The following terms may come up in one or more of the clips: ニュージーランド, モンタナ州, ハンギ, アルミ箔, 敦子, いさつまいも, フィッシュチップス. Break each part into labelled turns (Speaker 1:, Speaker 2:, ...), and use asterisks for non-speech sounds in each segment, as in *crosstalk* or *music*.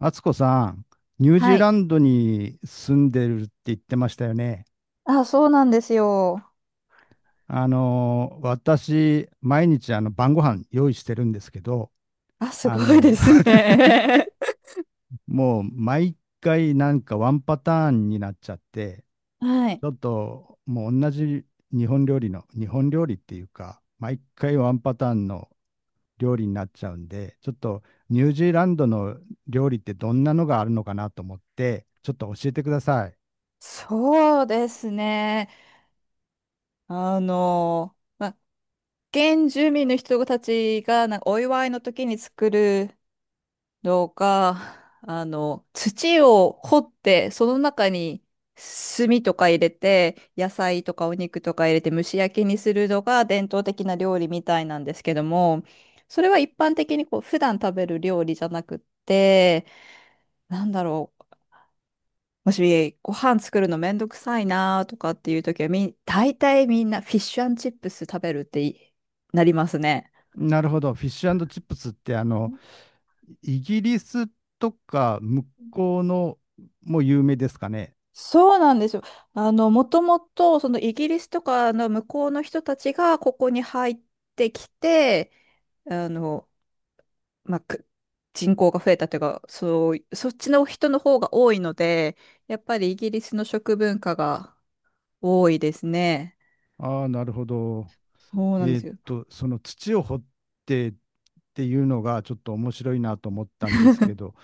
Speaker 1: 敦子さん、ニュージ
Speaker 2: は
Speaker 1: ーラ
Speaker 2: い。
Speaker 1: ンドに住んでるって言ってましたよね。
Speaker 2: あ、そうなんですよ。
Speaker 1: 私、毎日晩ご飯用意してるんですけど、
Speaker 2: あ、す
Speaker 1: あ
Speaker 2: ごい
Speaker 1: の、
Speaker 2: です
Speaker 1: *laughs*
Speaker 2: ね。*laughs*
Speaker 1: もう毎回なんかワンパターンになっちゃって、
Speaker 2: はい。
Speaker 1: ちょっともう同じ日本料理っていうか、毎回ワンパターンの料理になっちゃうんで、ちょっとニュージーランドの料理ってどんなのがあるのかなと思って、ちょっと教えてください。
Speaker 2: そうですね。あの、まあ、原住民の人たちがなんかお祝いの時に作るのが、土を掘って、その中に炭とか入れて、野菜とかお肉とか入れて蒸し焼きにするのが伝統的な料理みたいなんですけども、それは一般的にこう普段食べる料理じゃなくって、なんだろう。もしご飯作るのめんどくさいなとかっていう時は大体みんなフィッシュチップス食べるっていなりますね。
Speaker 1: なるほど。フィッシュチップスってイギリスとか向こうのも有名ですかね。
Speaker 2: そうなんですよ。もともと、そのイギリスとかの向こうの人たちがここに入ってきて、あの、まあ、く人口が増えたというか、そう、そっちの人の方が多いので、やっぱりイギリスの食文化が多いですね。
Speaker 1: ああ、なるほど。
Speaker 2: そうなんですよ。
Speaker 1: その土を掘ってっていうのがちょっと面白いなと思ったんですけど、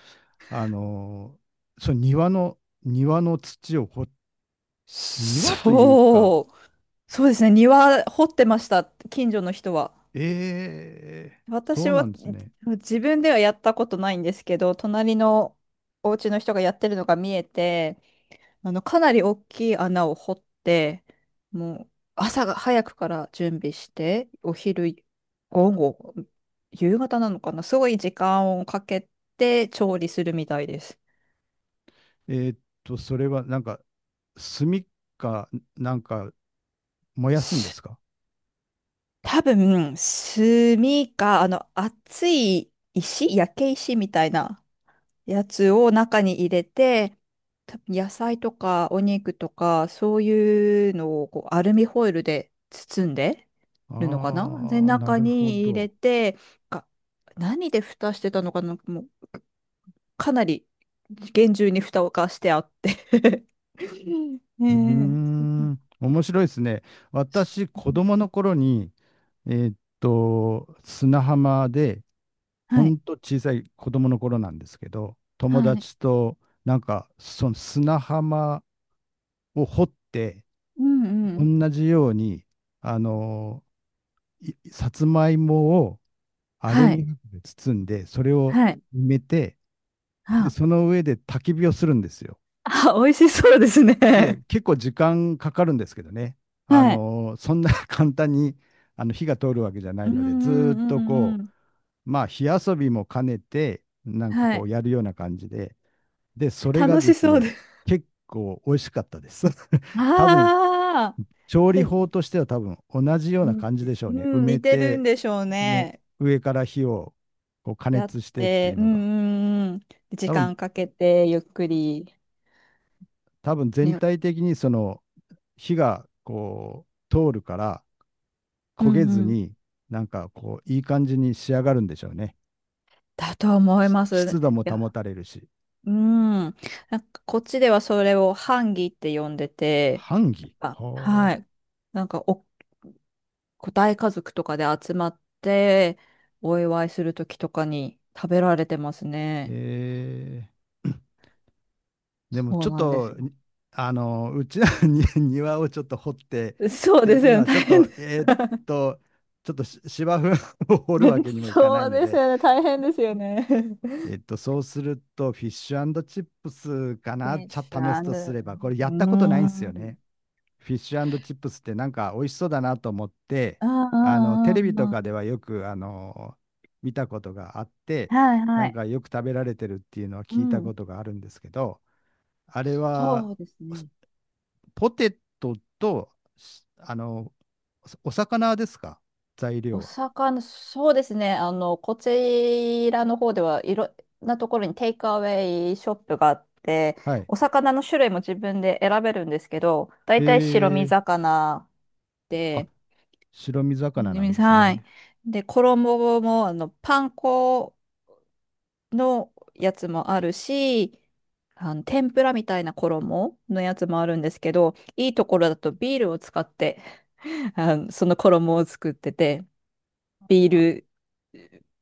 Speaker 1: あのーその庭の、庭の土を庭というか、
Speaker 2: そう。そうですね。庭掘ってました。近所の人は。
Speaker 1: ええ、そ
Speaker 2: 私
Speaker 1: うな
Speaker 2: は
Speaker 1: んですね。
Speaker 2: 自分ではやったことないんですけど、隣のお家の人がやってるのが見えて、かなり大きい穴を掘って、もう朝が早くから準備して、お昼、午後、夕方なのかな、すごい時間をかけて調理するみたいです。
Speaker 1: えーっそれはなんか、炭か、なんか燃やすんですか？
Speaker 2: 多分、炭か、熱い石、焼け石みたいなやつを中に入れて、多分野菜とかお肉とか、そういうのをこうアルミホイルで包んでるのかな、で、
Speaker 1: ああー、な
Speaker 2: 中
Speaker 1: るほ
Speaker 2: に入
Speaker 1: ど。
Speaker 2: れて、が何で蓋してたのかな、もう、かなり厳重に蓋をかしてあって *laughs* う
Speaker 1: うー
Speaker 2: ん。ねえ。
Speaker 1: ん、面白いですね。私、
Speaker 2: う
Speaker 1: 子
Speaker 2: ん。
Speaker 1: 供の頃に、砂浜で、ほ
Speaker 2: はい。
Speaker 1: んと小さい子供の頃なんですけど、友
Speaker 2: はい。
Speaker 1: 達と、なんか、その砂浜を掘って、
Speaker 2: うんうん。
Speaker 1: 同じように、あのさつまいもをアル
Speaker 2: はい。
Speaker 1: ミ箔で包んで、それを
Speaker 2: はい。
Speaker 1: 埋めて、で、その上で焚き火をするんですよ。
Speaker 2: あ、美味しそうです
Speaker 1: で、
Speaker 2: ね。
Speaker 1: 結構時間かかるんですけどね、
Speaker 2: はい。
Speaker 1: そんな *laughs* 簡単に火が通るわけじゃな
Speaker 2: う
Speaker 1: い
Speaker 2: ん
Speaker 1: ので、ずー
Speaker 2: う
Speaker 1: っ
Speaker 2: ん
Speaker 1: と
Speaker 2: うんう
Speaker 1: こ
Speaker 2: ん。
Speaker 1: う、まあ、火遊びも兼ねて、なんか
Speaker 2: は
Speaker 1: こ
Speaker 2: い。
Speaker 1: うやるような感じで、で、それが
Speaker 2: 楽
Speaker 1: で
Speaker 2: し
Speaker 1: す
Speaker 2: そうで
Speaker 1: ね、
Speaker 2: す。
Speaker 1: 結構美味しかったです。*laughs* 多分
Speaker 2: ああ、
Speaker 1: 調理
Speaker 2: で
Speaker 1: 法
Speaker 2: ん
Speaker 1: としては多分同じよう
Speaker 2: う
Speaker 1: な感じでしょうね。埋
Speaker 2: ん、似
Speaker 1: め
Speaker 2: てるん
Speaker 1: て、
Speaker 2: でしょう
Speaker 1: も
Speaker 2: ね。
Speaker 1: う上から火をこう加
Speaker 2: やっ
Speaker 1: 熱してって
Speaker 2: て、
Speaker 1: いう
Speaker 2: うん
Speaker 1: のが。
Speaker 2: うんうん。時
Speaker 1: 多分、
Speaker 2: 間かけて、ゆっくり。
Speaker 1: 多分全
Speaker 2: ね、
Speaker 1: 体的にその火がこう通るから
Speaker 2: う
Speaker 1: 焦げ
Speaker 2: ん
Speaker 1: ず
Speaker 2: うん。
Speaker 1: に、なんかこういい感じに仕上がるんでしょうね。
Speaker 2: だと思い
Speaker 1: し
Speaker 2: ま
Speaker 1: 湿
Speaker 2: す。
Speaker 1: 度も
Speaker 2: い
Speaker 1: 保
Speaker 2: や、
Speaker 1: たれるし。
Speaker 2: うん。なんかこっちではそれをハンギって呼んでて、
Speaker 1: ハン
Speaker 2: やっ
Speaker 1: ギ
Speaker 2: ぱ、
Speaker 1: は
Speaker 2: は
Speaker 1: あ。
Speaker 2: い。なんか個体家族とかで集まってお祝いするときとかに食べられてますね。
Speaker 1: えー、でも
Speaker 2: そ
Speaker 1: ち
Speaker 2: う
Speaker 1: ょっ
Speaker 2: なんです
Speaker 1: と、
Speaker 2: よ。
Speaker 1: うちの *laughs* に庭をちょっと掘ってっ
Speaker 2: そう
Speaker 1: て
Speaker 2: です
Speaker 1: いう
Speaker 2: よ
Speaker 1: の
Speaker 2: ね。
Speaker 1: は、ちょ
Speaker 2: 大
Speaker 1: っ
Speaker 2: 変
Speaker 1: と、
Speaker 2: です。
Speaker 1: と、ちょっとし芝生を *laughs* 掘るわけにも
Speaker 2: *laughs*
Speaker 1: いかな
Speaker 2: そ
Speaker 1: い
Speaker 2: う
Speaker 1: の
Speaker 2: です
Speaker 1: で、
Speaker 2: よね。大変ですよね。フ
Speaker 1: そうすると、フィッシュチップスかな、
Speaker 2: ィ
Speaker 1: ちゃ
Speaker 2: シ
Speaker 1: 試すと
Speaker 2: ン
Speaker 1: すれば、これやった
Speaker 2: う
Speaker 1: ことないんですよ
Speaker 2: ん。
Speaker 1: ね。フィッシュチップスってなんか美味しそうだなと思って、
Speaker 2: うん
Speaker 1: テ
Speaker 2: うん
Speaker 1: レビ
Speaker 2: う
Speaker 1: と
Speaker 2: んう
Speaker 1: かで
Speaker 2: ん。
Speaker 1: はよく、見たことがあって、
Speaker 2: はい
Speaker 1: な
Speaker 2: は
Speaker 1: ん
Speaker 2: い。
Speaker 1: かよく食べられてるっていうのは
Speaker 2: う
Speaker 1: 聞いたこ
Speaker 2: ん。
Speaker 1: とがあるんですけど、あれは、
Speaker 2: そうですね。
Speaker 1: ポテトと、あの、おお魚ですか？材
Speaker 2: お
Speaker 1: 料は。
Speaker 2: 魚、そうですね。こちらの方ではいろんなところにテイクアウェイショップがあって、
Speaker 1: はい。
Speaker 2: お魚の種類も自分で選べるんですけど、だ
Speaker 1: え
Speaker 2: いたい白身
Speaker 1: ー、
Speaker 2: 魚
Speaker 1: あ、
Speaker 2: で、
Speaker 1: 白身魚なん
Speaker 2: ね、
Speaker 1: です
Speaker 2: はい。
Speaker 1: ね。
Speaker 2: で、衣も、パン粉のやつもあるし、天ぷらみたいな衣のやつもあるんですけど、いいところだとビールを使って、*laughs* その衣を作ってて、ビール、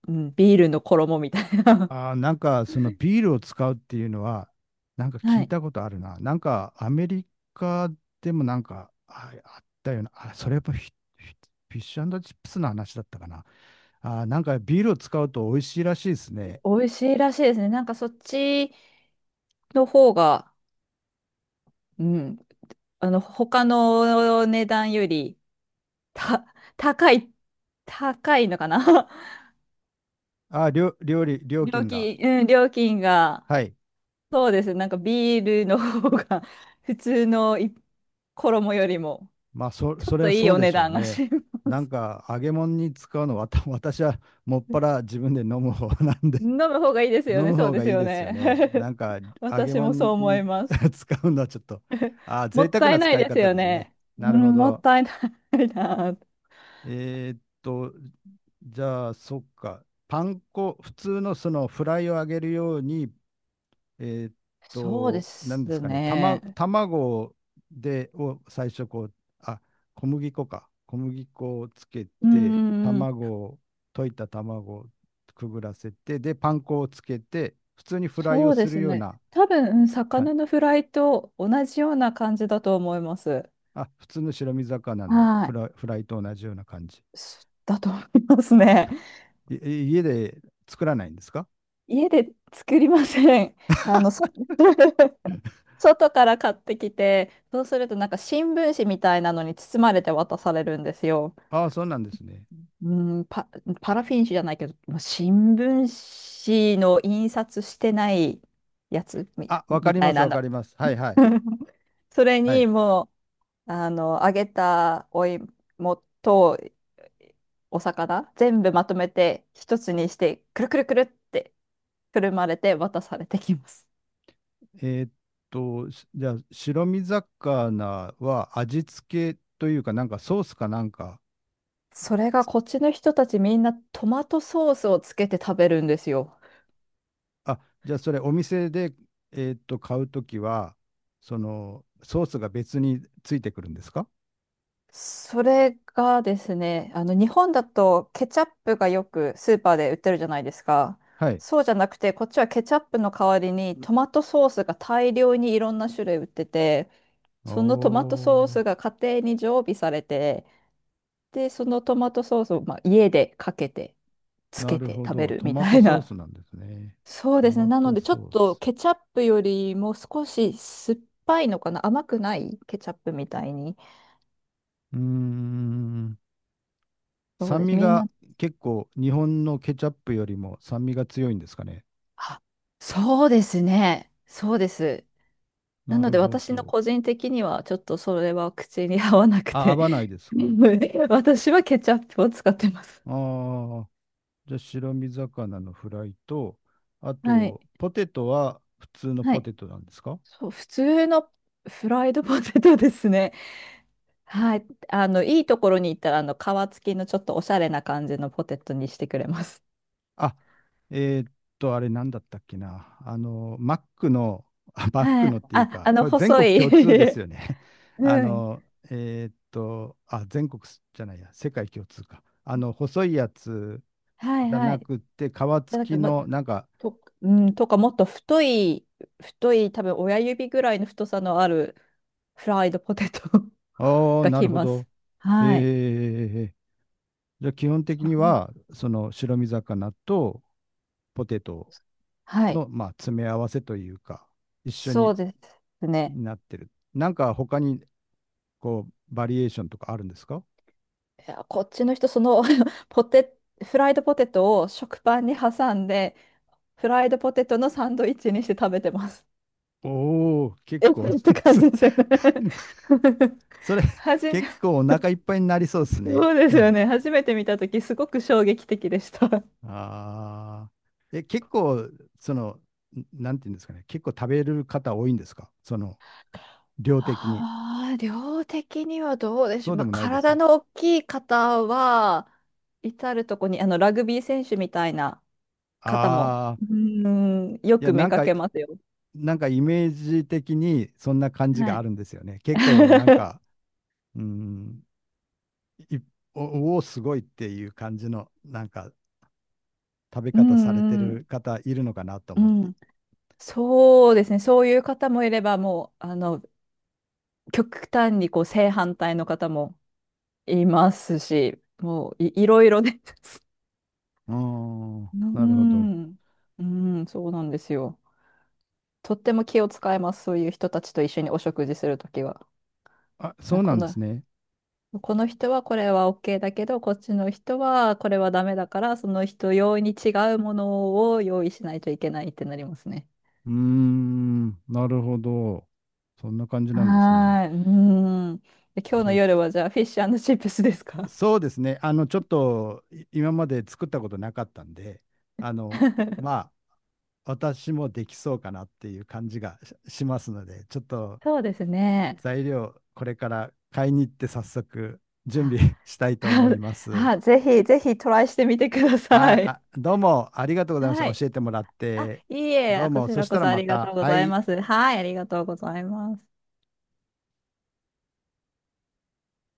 Speaker 2: うん、ビールの衣みたいな。
Speaker 1: あー、なんか、そのビールを使うっていうのは、なんか
Speaker 2: *laughs*
Speaker 1: 聞
Speaker 2: は
Speaker 1: い
Speaker 2: い。
Speaker 1: たことあるな。なんか、アメリカでもなんか、あ、あったような。あ、それやっぱフィフィッシュチップスの話だったかな。あー、なんかビールを使うと美味しいらしいですね。
Speaker 2: 美味しいらしいですね。なんかそっちの方が、うん、他の値段より、た、高い、高いのかな。
Speaker 1: あー、
Speaker 2: *laughs*
Speaker 1: 料
Speaker 2: 料
Speaker 1: 金が。
Speaker 2: 金、うん、料金が、
Speaker 1: はい。
Speaker 2: そうです。なんかビールの方が普通の衣よりも、
Speaker 1: まあ、
Speaker 2: ちょ
Speaker 1: そ
Speaker 2: っ
Speaker 1: れ
Speaker 2: と
Speaker 1: は
Speaker 2: いい
Speaker 1: そう
Speaker 2: お
Speaker 1: で
Speaker 2: 値
Speaker 1: しょう
Speaker 2: 段が
Speaker 1: ね。
Speaker 2: し、*laughs*
Speaker 1: なんか、揚げ物に使うのは、*laughs* 私はもっぱら自分で飲む方なんで、
Speaker 2: 飲む方がいいで
Speaker 1: *laughs*
Speaker 2: すよ
Speaker 1: 飲
Speaker 2: ね。
Speaker 1: む
Speaker 2: そう
Speaker 1: 方
Speaker 2: で
Speaker 1: が
Speaker 2: す
Speaker 1: いい
Speaker 2: よ
Speaker 1: ですよ
Speaker 2: ね。
Speaker 1: ね。なんか、
Speaker 2: *laughs*
Speaker 1: 揚げ
Speaker 2: 私もそう
Speaker 1: 物
Speaker 2: 思い
Speaker 1: に
Speaker 2: ま
Speaker 1: *laughs*
Speaker 2: す。
Speaker 1: 使うのはちょっと、ああ、
Speaker 2: も
Speaker 1: 贅
Speaker 2: っ
Speaker 1: 沢
Speaker 2: た
Speaker 1: な
Speaker 2: いない
Speaker 1: 使い
Speaker 2: です
Speaker 1: 方
Speaker 2: よ
Speaker 1: ですね。
Speaker 2: ね。う
Speaker 1: なるほ
Speaker 2: ん、もっ
Speaker 1: ど。
Speaker 2: たいないな。
Speaker 1: えーっと、じゃあ、そっか。パン粉、普通のそのフライを揚げるように、えーっ
Speaker 2: そうです
Speaker 1: 何ですかね、
Speaker 2: ね。
Speaker 1: 卵で、を最初こう、あ、小麦粉か。小麦粉をつけ
Speaker 2: う
Speaker 1: て、
Speaker 2: ん、
Speaker 1: 卵を、溶いた卵をくぐらせて、で、パン粉をつけて、普通にフライを
Speaker 2: そうで
Speaker 1: する
Speaker 2: す
Speaker 1: よう
Speaker 2: ね。
Speaker 1: な
Speaker 2: 多分、うん、
Speaker 1: 感
Speaker 2: 魚
Speaker 1: じ。
Speaker 2: のフライと同じような感じだと思います。
Speaker 1: あ、普通の白身魚のフ
Speaker 2: は
Speaker 1: ライ、フライと同じような感じ。
Speaker 2: い。だと思いますね。
Speaker 1: いい家で作らないんですか？
Speaker 2: 家で作りません。あの、そ *laughs* 外から買ってきて、そうするとなんか新聞紙みたいなのに包まれて渡されるんですよ。
Speaker 1: ああ、そうなんですね。
Speaker 2: うん、パラフィン紙じゃないけど、まあ新聞紙の印刷してないやつみ、
Speaker 1: あ、わか
Speaker 2: み
Speaker 1: り
Speaker 2: た
Speaker 1: ま
Speaker 2: い
Speaker 1: す、
Speaker 2: な
Speaker 1: わ
Speaker 2: の。
Speaker 1: かります。はいはい。
Speaker 2: *laughs* それ
Speaker 1: は
Speaker 2: に
Speaker 1: い。
Speaker 2: もう、揚げたお芋とお魚、全部まとめて一つにして、くるくるくるってくるまれて渡されてきます。
Speaker 1: えーっしじゃあ、白身魚は味付けというか、なんかソースかなんか、
Speaker 2: それがこっちの人たちみんなトマトソースをつけて食べるんですよ。
Speaker 1: あ、じゃあそれお店で、買うときは、その、ソースが別についてくるんですか？
Speaker 2: それがですね、日本だとケチャップがよくスーパーで売ってるじゃないですか。
Speaker 1: はい。
Speaker 2: そうじゃなくて、こっちはケチャップの代わりにトマトソースが大量にいろんな種類売ってて、
Speaker 1: お
Speaker 2: そのトマトソー
Speaker 1: ー、
Speaker 2: スが家庭に常備されて、で、そのトマトソースをまあ家でかけて、つ
Speaker 1: な
Speaker 2: け
Speaker 1: る
Speaker 2: て
Speaker 1: ほ
Speaker 2: 食べ
Speaker 1: ど。
Speaker 2: る
Speaker 1: ト
Speaker 2: み
Speaker 1: マ
Speaker 2: た
Speaker 1: ト
Speaker 2: い
Speaker 1: ソース
Speaker 2: な。
Speaker 1: なんですね。
Speaker 2: *laughs* そう
Speaker 1: ト
Speaker 2: ですね。
Speaker 1: マ
Speaker 2: なの
Speaker 1: ト
Speaker 2: で、ちょっ
Speaker 1: ソー
Speaker 2: と
Speaker 1: ス。
Speaker 2: ケチャップよりも少し酸っぱいのかな、甘くないケチャップみたいに。
Speaker 1: うーん。
Speaker 2: そうで
Speaker 1: 酸
Speaker 2: す。
Speaker 1: 味
Speaker 2: みんな、
Speaker 1: が結構日本のケチャップよりも酸味が強いんですかね。
Speaker 2: あ、そうですね。そうです。な
Speaker 1: な
Speaker 2: の
Speaker 1: る
Speaker 2: で
Speaker 1: ほ
Speaker 2: 私の
Speaker 1: ど。
Speaker 2: 個人的にはちょっとそれは口に合わなく
Speaker 1: あ、合
Speaker 2: て、
Speaker 1: わないですか？
Speaker 2: *laughs* 私はケチャップを使ってます。
Speaker 1: ああー。じゃあ白身魚のフライと、あ
Speaker 2: はい。
Speaker 1: と、ポテトは普通の
Speaker 2: は
Speaker 1: ポ
Speaker 2: い。
Speaker 1: テトなんですか？
Speaker 2: そう、普通のフライドポテトですね。はい。いいところに行ったら、皮付きのちょっとおしゃれな感じのポテトにしてくれます。
Speaker 1: あ、えーっあれなんだったっけな。あの、マックの、あマック
Speaker 2: は
Speaker 1: のっ
Speaker 2: い。
Speaker 1: ていう
Speaker 2: あ、
Speaker 1: か、これ全
Speaker 2: 細
Speaker 1: 国
Speaker 2: い。
Speaker 1: 共通です
Speaker 2: *laughs*
Speaker 1: よね。*laughs* あ
Speaker 2: うん。
Speaker 1: の、あ、全国すじゃないや、世界共通か。あの、細いやつ
Speaker 2: はい
Speaker 1: じゃ
Speaker 2: は
Speaker 1: な
Speaker 2: い。
Speaker 1: くて、皮付
Speaker 2: だか
Speaker 1: き
Speaker 2: らも
Speaker 1: の、
Speaker 2: う
Speaker 1: なんか、
Speaker 2: と、うん、とかもっと太い、太い、多分親指ぐらいの太さのあるフライドポテト *laughs*
Speaker 1: ああ、
Speaker 2: が
Speaker 1: な
Speaker 2: き
Speaker 1: るほ
Speaker 2: ます。
Speaker 1: ど。
Speaker 2: はい。
Speaker 1: えー、じゃあ基本的
Speaker 2: そ
Speaker 1: に
Speaker 2: んな、
Speaker 1: は、その白身魚とポテト
Speaker 2: はい。
Speaker 1: の、まあ、詰め合わせというか、一緒
Speaker 2: そう
Speaker 1: に
Speaker 2: ですね。
Speaker 1: なってる。なんか他に、こう、バリエーションとかあるんですか？
Speaker 2: いや、こっちの人、*laughs* ポテ、フライドポテトを食パンに挟んで、フライドポテトのサンドイッチにして食べてます。
Speaker 1: おお、
Speaker 2: *laughs*
Speaker 1: 結
Speaker 2: え
Speaker 1: 構
Speaker 2: って
Speaker 1: *laughs*
Speaker 2: 感
Speaker 1: そ
Speaker 2: じですよね。 *laughs*
Speaker 1: それ、
Speaker 2: はじめ、
Speaker 1: 結構お腹いっぱいになりそうです
Speaker 2: *laughs*
Speaker 1: ね。
Speaker 2: そうです
Speaker 1: なん
Speaker 2: よ
Speaker 1: か、
Speaker 2: ね。初めて見たとき、すごく衝撃的でした。
Speaker 1: ああ。え、結構、その、んなんていうんですかね、結構食べる方多いんですか？その、量的に。
Speaker 2: ああ、量的にはどうでし
Speaker 1: そ
Speaker 2: ょ
Speaker 1: う
Speaker 2: う。
Speaker 1: で
Speaker 2: まあ、
Speaker 1: もないです。
Speaker 2: 体の大きい方は、至るとこに、ラグビー選手みたいな方も、
Speaker 1: ああ、
Speaker 2: よ
Speaker 1: いや、
Speaker 2: く
Speaker 1: な
Speaker 2: 目
Speaker 1: ん
Speaker 2: か
Speaker 1: か、
Speaker 2: けますよ。
Speaker 1: なんかイメージ的にそんな感じ
Speaker 2: は
Speaker 1: があ
Speaker 2: い。
Speaker 1: るんですよね。結構、なん
Speaker 2: *laughs*
Speaker 1: か、うん、いおおすごいっていう感じのなんか食べ
Speaker 2: うん
Speaker 1: 方されて
Speaker 2: うん、
Speaker 1: る方いるのかなと
Speaker 2: う
Speaker 1: 思って。
Speaker 2: ん。そうですね。そういう方もいれば、もう、極端にこう正反対の方もいますし、もういろいろです。
Speaker 1: ああ、
Speaker 2: う
Speaker 1: なるほど。
Speaker 2: ん、うん、そうなんですよ。とっても気を使います。そういう人たちと一緒にお食事するときは。
Speaker 1: あ、そ
Speaker 2: あ
Speaker 1: うな
Speaker 2: こ
Speaker 1: んで
Speaker 2: の、
Speaker 1: すね。
Speaker 2: この人はこれは OK だけど、こっちの人はこれはダメだから、その人用に違うものを用意しないといけないってなりますね。
Speaker 1: うーん、なるほど。そんな感じなんですね。
Speaker 2: はーい。うーん。で、今日の
Speaker 1: そ
Speaker 2: 夜
Speaker 1: し、
Speaker 2: はじゃあフィッシュチップスですか？
Speaker 1: そうですね。ちょっとい今まで作ったことなかったんで、あの、ま
Speaker 2: *laughs*
Speaker 1: あ、私もできそうかなっていう感じがし、しますので、ちょっと
Speaker 2: そうですね。
Speaker 1: 材料、これから買いに行って早速準
Speaker 2: あ、
Speaker 1: 備 *laughs* したいと思
Speaker 2: *laughs*
Speaker 1: います。
Speaker 2: あ、ぜひぜひトライしてみてくださ
Speaker 1: はい、
Speaker 2: い。
Speaker 1: あ、どうもありがとうございました。
Speaker 2: はい。
Speaker 1: 教えてもらっ
Speaker 2: あ、
Speaker 1: て。
Speaker 2: いい
Speaker 1: どう
Speaker 2: え、こち
Speaker 1: も、そ
Speaker 2: ら
Speaker 1: し
Speaker 2: こ
Speaker 1: たら
Speaker 2: そあ
Speaker 1: ま
Speaker 2: りが
Speaker 1: た。
Speaker 2: とうご
Speaker 1: は
Speaker 2: ざい
Speaker 1: い。
Speaker 2: ます。はい、ありがとうございます。